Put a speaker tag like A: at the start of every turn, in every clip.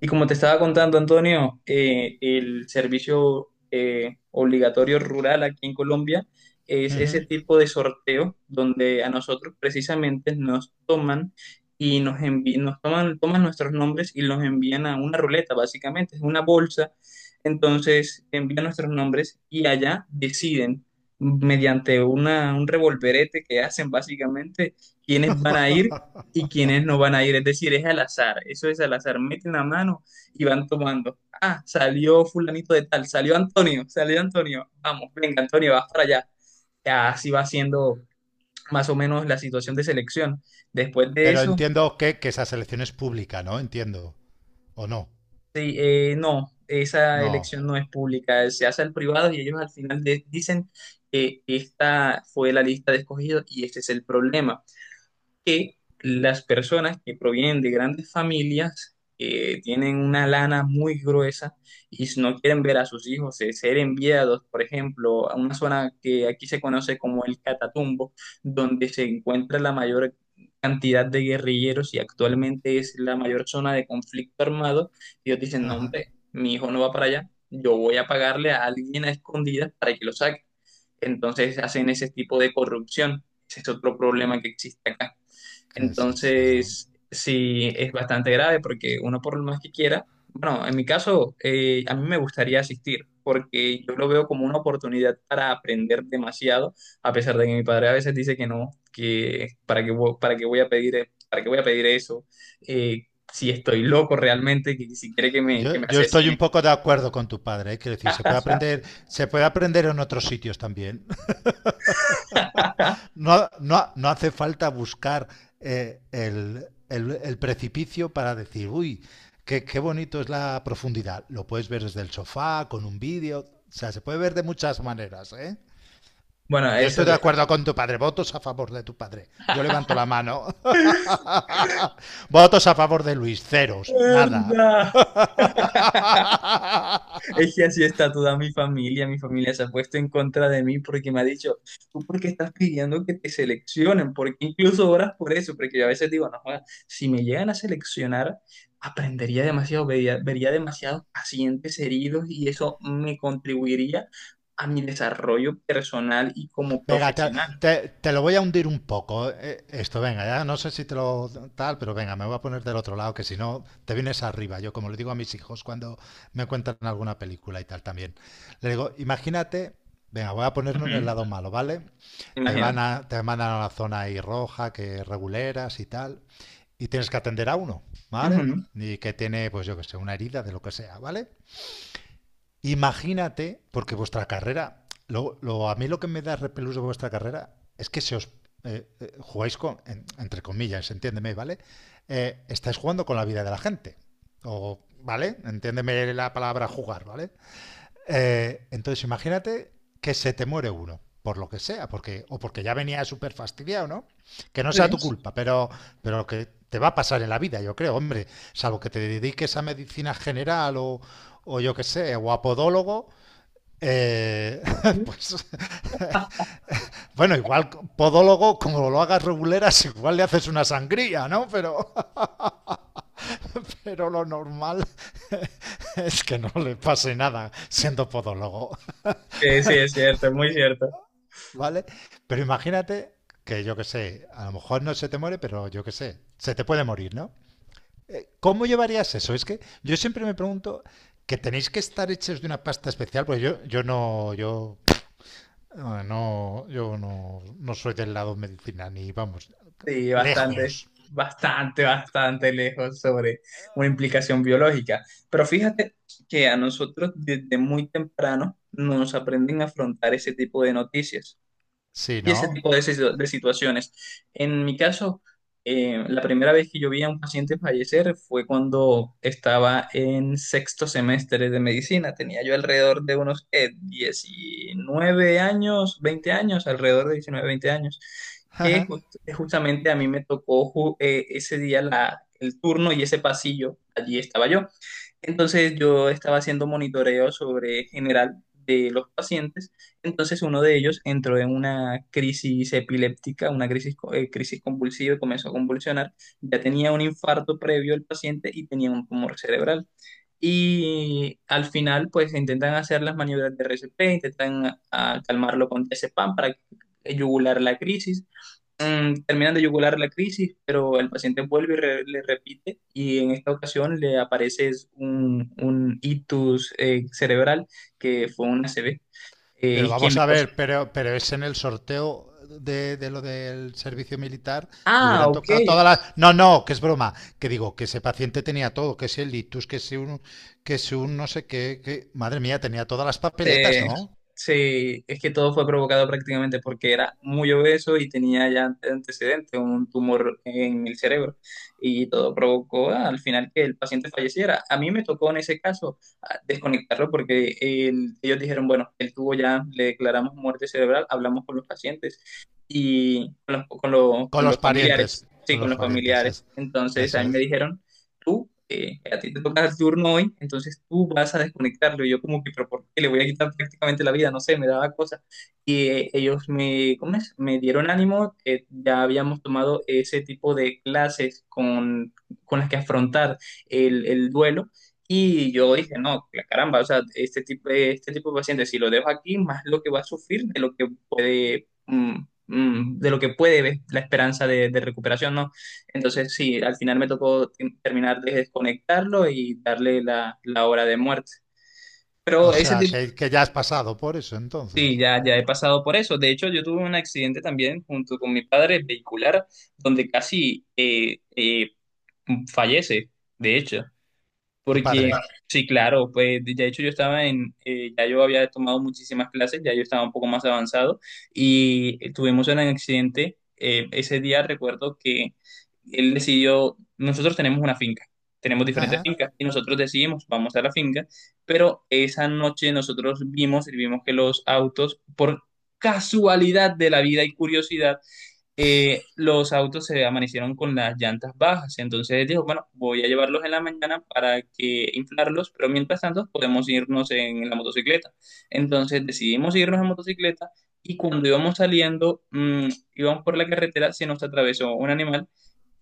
A: Y como te estaba contando, Antonio, el servicio obligatorio rural aquí en Colombia es
B: Uh
A: ese tipo de sorteo donde a nosotros precisamente nos toman y nos toman, toman nuestros nombres y los envían a una ruleta, básicamente, es una bolsa. Entonces envían nuestros nombres y allá deciden mediante un revolverete que hacen básicamente quiénes van a ir y quienes no van a ir. Es decir, es al azar, eso es al azar. Meten la mano y van tomando. Ah, salió fulanito de tal, salió Antonio, salió Antonio. Vamos, venga, Antonio, vas para allá. Ya así va siendo más o menos la situación de selección. Después de
B: Pero
A: eso,
B: entiendo esa selección es pública, ¿no? Entiendo. ¿O no?
A: sí, no, esa
B: No.
A: elección no es pública, se hace al privado y ellos al final dicen que esta fue la lista de escogidos y este es el problema. Que las personas que provienen de grandes familias tienen una lana muy gruesa y si no quieren ver a sus hijos ser enviados, por ejemplo, a una zona que aquí se conoce como el Catatumbo, donde se encuentra la mayor cantidad de guerrilleros y actualmente es la mayor zona de conflicto armado, ellos dicen, no,
B: Ajá.
A: hombre, mi hijo no va para allá, yo voy a pagarle a alguien a escondidas para que lo saque. Entonces hacen ese tipo de corrupción. Ese es otro problema que existe acá.
B: ¿Qué es esto, no?
A: Entonces, sí, es bastante grave porque uno por lo más que quiera, bueno, en mi caso, a mí me gustaría asistir porque yo lo veo como una oportunidad para aprender demasiado, a pesar de que mi padre a veces dice que no, que para qué, para qué voy a pedir, para qué voy a pedir eso, eh, si estoy loco realmente, que si quiere que que me
B: Estoy un
A: asesine.
B: poco de acuerdo con tu padre, ¿eh? Quiero decir, se puede aprender en otros sitios también. No, no, no hace falta buscar el precipicio para decir, uy, qué bonito es la profundidad. Lo puedes ver desde el sofá, con un vídeo, o sea, se puede ver de muchas maneras, ¿eh?
A: Bueno,
B: Yo
A: eso
B: estoy de acuerdo con tu padre. Votos a favor de tu padre. Yo levanto la mano. Votos a favor de Luis. Ceros. Nada.
A: es... Es que así está toda mi familia se ha puesto en contra de mí porque me ha dicho, ¿tú por qué estás pidiendo que te seleccionen? Porque incluso oras por eso, porque yo a veces digo, no, joda, si me llegan a seleccionar, aprendería demasiado, vería demasiados pacientes heridos y eso me contribuiría a mi desarrollo personal y como
B: Venga,
A: profesional.
B: te lo voy a hundir un poco. Esto, venga, ya no sé si te lo tal, pero venga, me voy a poner del otro lado, que si no, te vienes arriba. Yo, como le digo a mis hijos cuando me cuentan alguna película y tal también, le digo, imagínate, venga, voy a ponernos en el
A: Ujú.
B: lado malo, ¿vale?
A: Imagínate.
B: Te mandan a la zona ahí roja, que reguleras y tal, y tienes que atender a uno, ¿vale?
A: Ujú.
B: Y que tiene, pues yo que sé, una herida de lo que sea, ¿vale? Imagínate, porque vuestra carrera, a mí lo que me da repelús de vuestra carrera es que se os jugáis con, entre comillas, entiéndeme, ¿vale? Estáis jugando con la vida de la gente. O, ¿vale? Entiéndeme la palabra jugar, ¿vale? Entonces, imagínate que se te muere uno, por lo que sea, porque, o porque ya venía súper fastidiado, ¿no? Que no
A: Sí,
B: sea tu culpa, pero que te va a pasar en la vida, yo creo, hombre, salvo que te dediques a medicina general o yo qué sé, o a podólogo. eh, pues bueno, igual podólogo, como lo hagas reguleras, igual le haces una sangría, ¿no? Pero, pero lo normal es que no le pase nada siendo podólogo.
A: sí, sí, es cierto, es muy cierto.
B: ¿Vale? Pero imagínate que yo que sé, a lo mejor no se te muere, pero yo que sé, se te puede morir, ¿no? ¿Cómo llevarías eso? Es que yo siempre me pregunto que tenéis que estar hechos de una pasta especial, porque yo no, no soy del lado medicina, ni vamos,
A: Sí, bastante,
B: lejos.
A: bastante lejos sobre una implicación biológica. Pero fíjate que a nosotros desde muy temprano nos aprenden a afrontar ese tipo de noticias
B: Sí,
A: y ese
B: ¿no?
A: tipo de, de situaciones. En mi caso, la primera vez que yo vi a un paciente fallecer fue cuando estaba en sexto semestre de medicina. Tenía yo alrededor de unos 19 años, 20 años, alrededor de 19, 20 años. Que ju- justamente a mí me tocó ese día el turno y ese pasillo. Allí estaba yo. Entonces yo estaba haciendo monitoreo sobre general de los pacientes. Entonces uno de ellos entró en una crisis epiléptica, una crisis, crisis convulsiva y comenzó a convulsionar. Ya tenía un infarto previo el paciente y tenía un tumor cerebral. Y al final, pues intentan hacer las maniobras de RCP, intentan calmarlo con diazepam para yugular la crisis, Mm, terminan de yugular la crisis, pero el paciente vuelve y le repite y en esta ocasión le aparece es un ictus cerebral que fue una ACV
B: Pero vamos a
A: isquémico.
B: ver, pero es en el sorteo de lo del servicio militar, le
A: Ah,
B: hubieran
A: ok.
B: tocado todas las... No, no, que es broma, que digo, que ese paciente tenía todo, que si el litus, que si un no sé qué, que... Madre mía, tenía todas las papeletas,
A: Sí,
B: ¿no?
A: sí, es que todo fue provocado prácticamente porque era muy obeso y tenía ya antecedentes, un tumor en el cerebro. Y todo provocó al final que el paciente falleciera. A mí me tocó en ese caso desconectarlo porque ellos dijeron, bueno, él tuvo ya, le declaramos muerte cerebral, hablamos con los pacientes y con
B: Con
A: con
B: los
A: los
B: parientes,
A: familiares. Sí,
B: con
A: con
B: los
A: los
B: parientes,
A: familiares.
B: es,
A: Entonces, a mí
B: eso
A: me
B: es.
A: dijeron tú, a ti te toca el turno hoy, entonces tú vas a desconectarlo. Y yo como que, pero ¿por qué le voy a quitar prácticamente la vida? No sé, me daba cosas. Y ellos me, ¿cómo es? Me dieron ánimo, ya habíamos tomado ese tipo de clases con las que afrontar el duelo. Y yo dije, no, la caramba, o sea, este tipo de paciente, si lo dejo aquí, más lo que va a sufrir de lo que puede, de lo que puede ver la esperanza de recuperación, ¿no? Entonces, sí, al final me tocó terminar de desconectarlo y darle la hora de muerte.
B: O
A: Pero ese
B: sea,
A: tipo,
B: que ya has pasado por eso
A: sí,
B: entonces,
A: ya, ya he pasado por eso. De hecho, yo tuve un accidente también junto con mi padre vehicular, donde casi fallece, de hecho.
B: tu
A: Porque,
B: padre.
A: sí, claro, pues de hecho yo estaba en, ya yo había tomado muchísimas clases, ya yo estaba un poco más avanzado y tuvimos un accidente. Ese día recuerdo que él decidió, nosotros tenemos una finca, tenemos diferentes
B: Ajá.
A: fincas y nosotros decidimos, vamos a la finca, pero esa noche nosotros vimos y vimos que los autos, por casualidad de la vida y curiosidad, los autos se amanecieron con las llantas bajas. Entonces dijo, bueno, voy a llevarlos en la mañana para que inflarlos, pero mientras tanto podemos irnos en la motocicleta. Entonces decidimos irnos en motocicleta y cuando íbamos saliendo, íbamos por la carretera, se nos atravesó un animal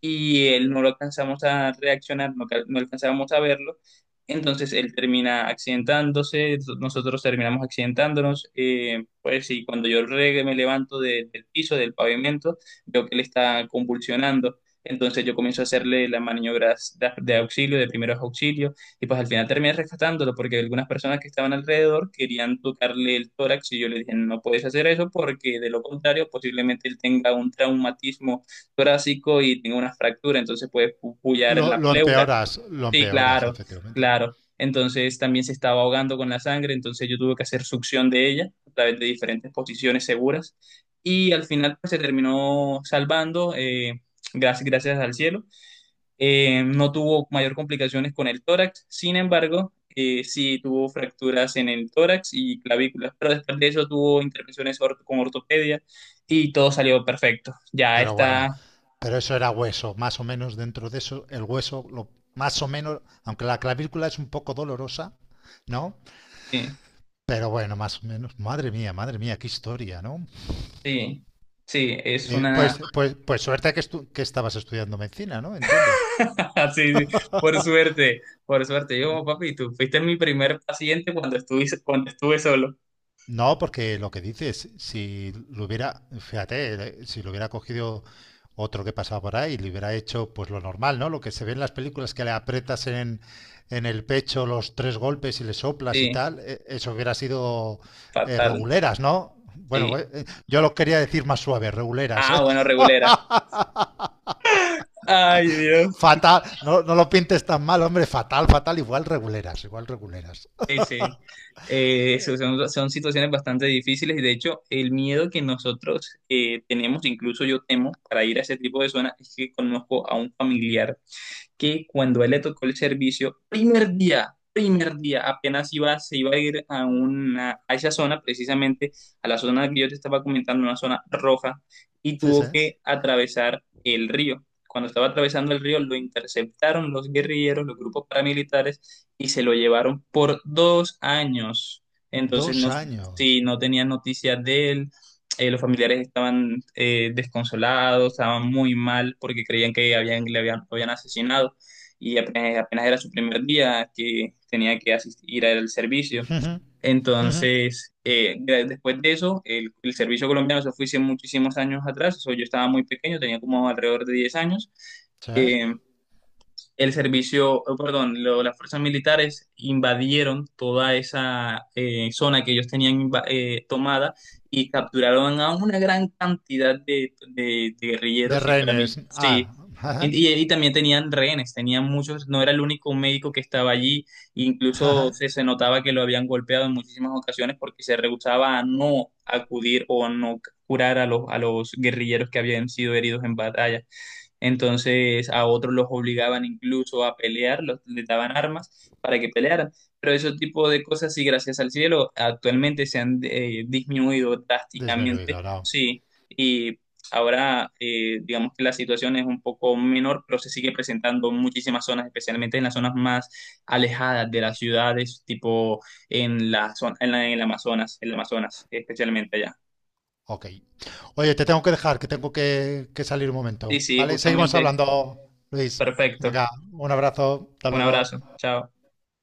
A: y él no lo alcanzamos a reaccionar, no, no alcanzábamos a verlo. Entonces él termina accidentándose, nosotros terminamos accidentándonos. Pues y cuando yo me levanto del piso, del pavimento, veo que él está convulsionando. Entonces yo comienzo a hacerle las maniobras de auxilio, de primeros auxilios, y pues al final terminé rescatándolo porque algunas personas que estaban alrededor querían tocarle el tórax y yo le dije, no puedes hacer eso porque de lo contrario posiblemente él tenga un traumatismo torácico y tengo una fractura, entonces puede puyar la pleura.
B: Lo
A: Sí,
B: empeoras,
A: claro,
B: efectivamente.
A: claro. Entonces también se estaba ahogando con la sangre, entonces yo tuve que hacer succión de ella a través de diferentes posiciones seguras y al final pues, se terminó salvando, gracias, gracias al cielo. No tuvo mayor complicaciones con el tórax, sin embargo, sí tuvo fracturas en el tórax y clavículas, pero después de eso tuvo intervenciones con ortopedia y todo salió perfecto. Ya
B: Pero bueno,
A: está.
B: pero eso era hueso, más o menos dentro de eso, el hueso, lo, más o menos, aunque la clavícula es un poco dolorosa, ¿no?
A: Sí,
B: Pero bueno, más o menos, madre mía, qué historia, ¿no?
A: sí, sí, es una...
B: Pues suerte que, estu que estabas estudiando medicina, ¿no? Entiendo.
A: Sí, sí, por suerte, por suerte. Yo, como, papi, tú fuiste mi primer paciente cuando estuve solo.
B: No, porque lo que dices, si lo hubiera, fíjate, si lo hubiera cogido otro que pasaba por ahí y le hubiera hecho pues lo normal, ¿no? Lo que se ve en las películas que le aprietas en el pecho los tres golpes y le soplas y
A: Sí,
B: tal, eso hubiera sido
A: fatal,
B: reguleras, ¿no? Bueno,
A: sí.
B: pues, yo lo quería decir más suave, reguleras.
A: Ah,
B: ¿Eh?
A: bueno, regulera. Ay, Dios.
B: Fatal, no, no lo pintes tan mal, hombre, fatal, fatal, igual reguleras, igual reguleras.
A: Sí, sí. Son, son situaciones bastante difíciles y de hecho el miedo que nosotros tenemos, incluso yo temo, para ir a ese tipo de zonas, es que conozco a un familiar que cuando a él le tocó el servicio, primer día, apenas iba, se iba a ir a, una, a esa zona, precisamente a la zona que yo te estaba comentando, una zona roja, y
B: Sí, sí.
A: tuvo que atravesar el río. Cuando estaba atravesando el río, lo interceptaron los guerrilleros, los grupos paramilitares, y se lo llevaron por 2 años. Entonces,
B: Dos
A: no,
B: años.
A: si no tenían noticias de él, los familiares estaban desconsolados, estaban muy mal porque creían que habían, lo habían asesinado y apenas, apenas era su primer día que tenía que asistir al servicio. Entonces, después de eso, el servicio colombiano se fue hace muchísimos años atrás, eso yo estaba muy pequeño, tenía como alrededor de 10 años.
B: Sí.
A: Eh, el servicio, oh, perdón, las fuerzas militares invadieron toda esa zona que ellos tenían tomada y capturaron a una gran cantidad de, de
B: De
A: guerrilleros y paramil-
B: rehenes. Ah.
A: Sí. Y también tenían rehenes, tenían muchos, no era el único médico que estaba allí, incluso se notaba que lo habían golpeado en muchísimas ocasiones porque se rehusaba a no acudir o a no curar a los guerrilleros que habían sido heridos en batalla. Entonces a otros los obligaban incluso a pelear, les daban armas para que pelearan. Pero ese tipo de cosas, sí, gracias al cielo, actualmente se han disminuido
B: Desmenudo,
A: drásticamente,
B: no.
A: sí. Y ahora, digamos que la situación es un poco menor, pero se sigue presentando en muchísimas zonas, especialmente en las zonas más alejadas de las ciudades, tipo en la zona, en el Amazonas, especialmente allá.
B: Ok. Oye, te tengo que dejar, que tengo que salir un momento.
A: Sí, sí,
B: ¿Vale? Seguimos
A: justamente,
B: hablando, Luis.
A: perfecto.
B: Venga, un abrazo. Hasta
A: Un
B: luego.
A: abrazo, chao.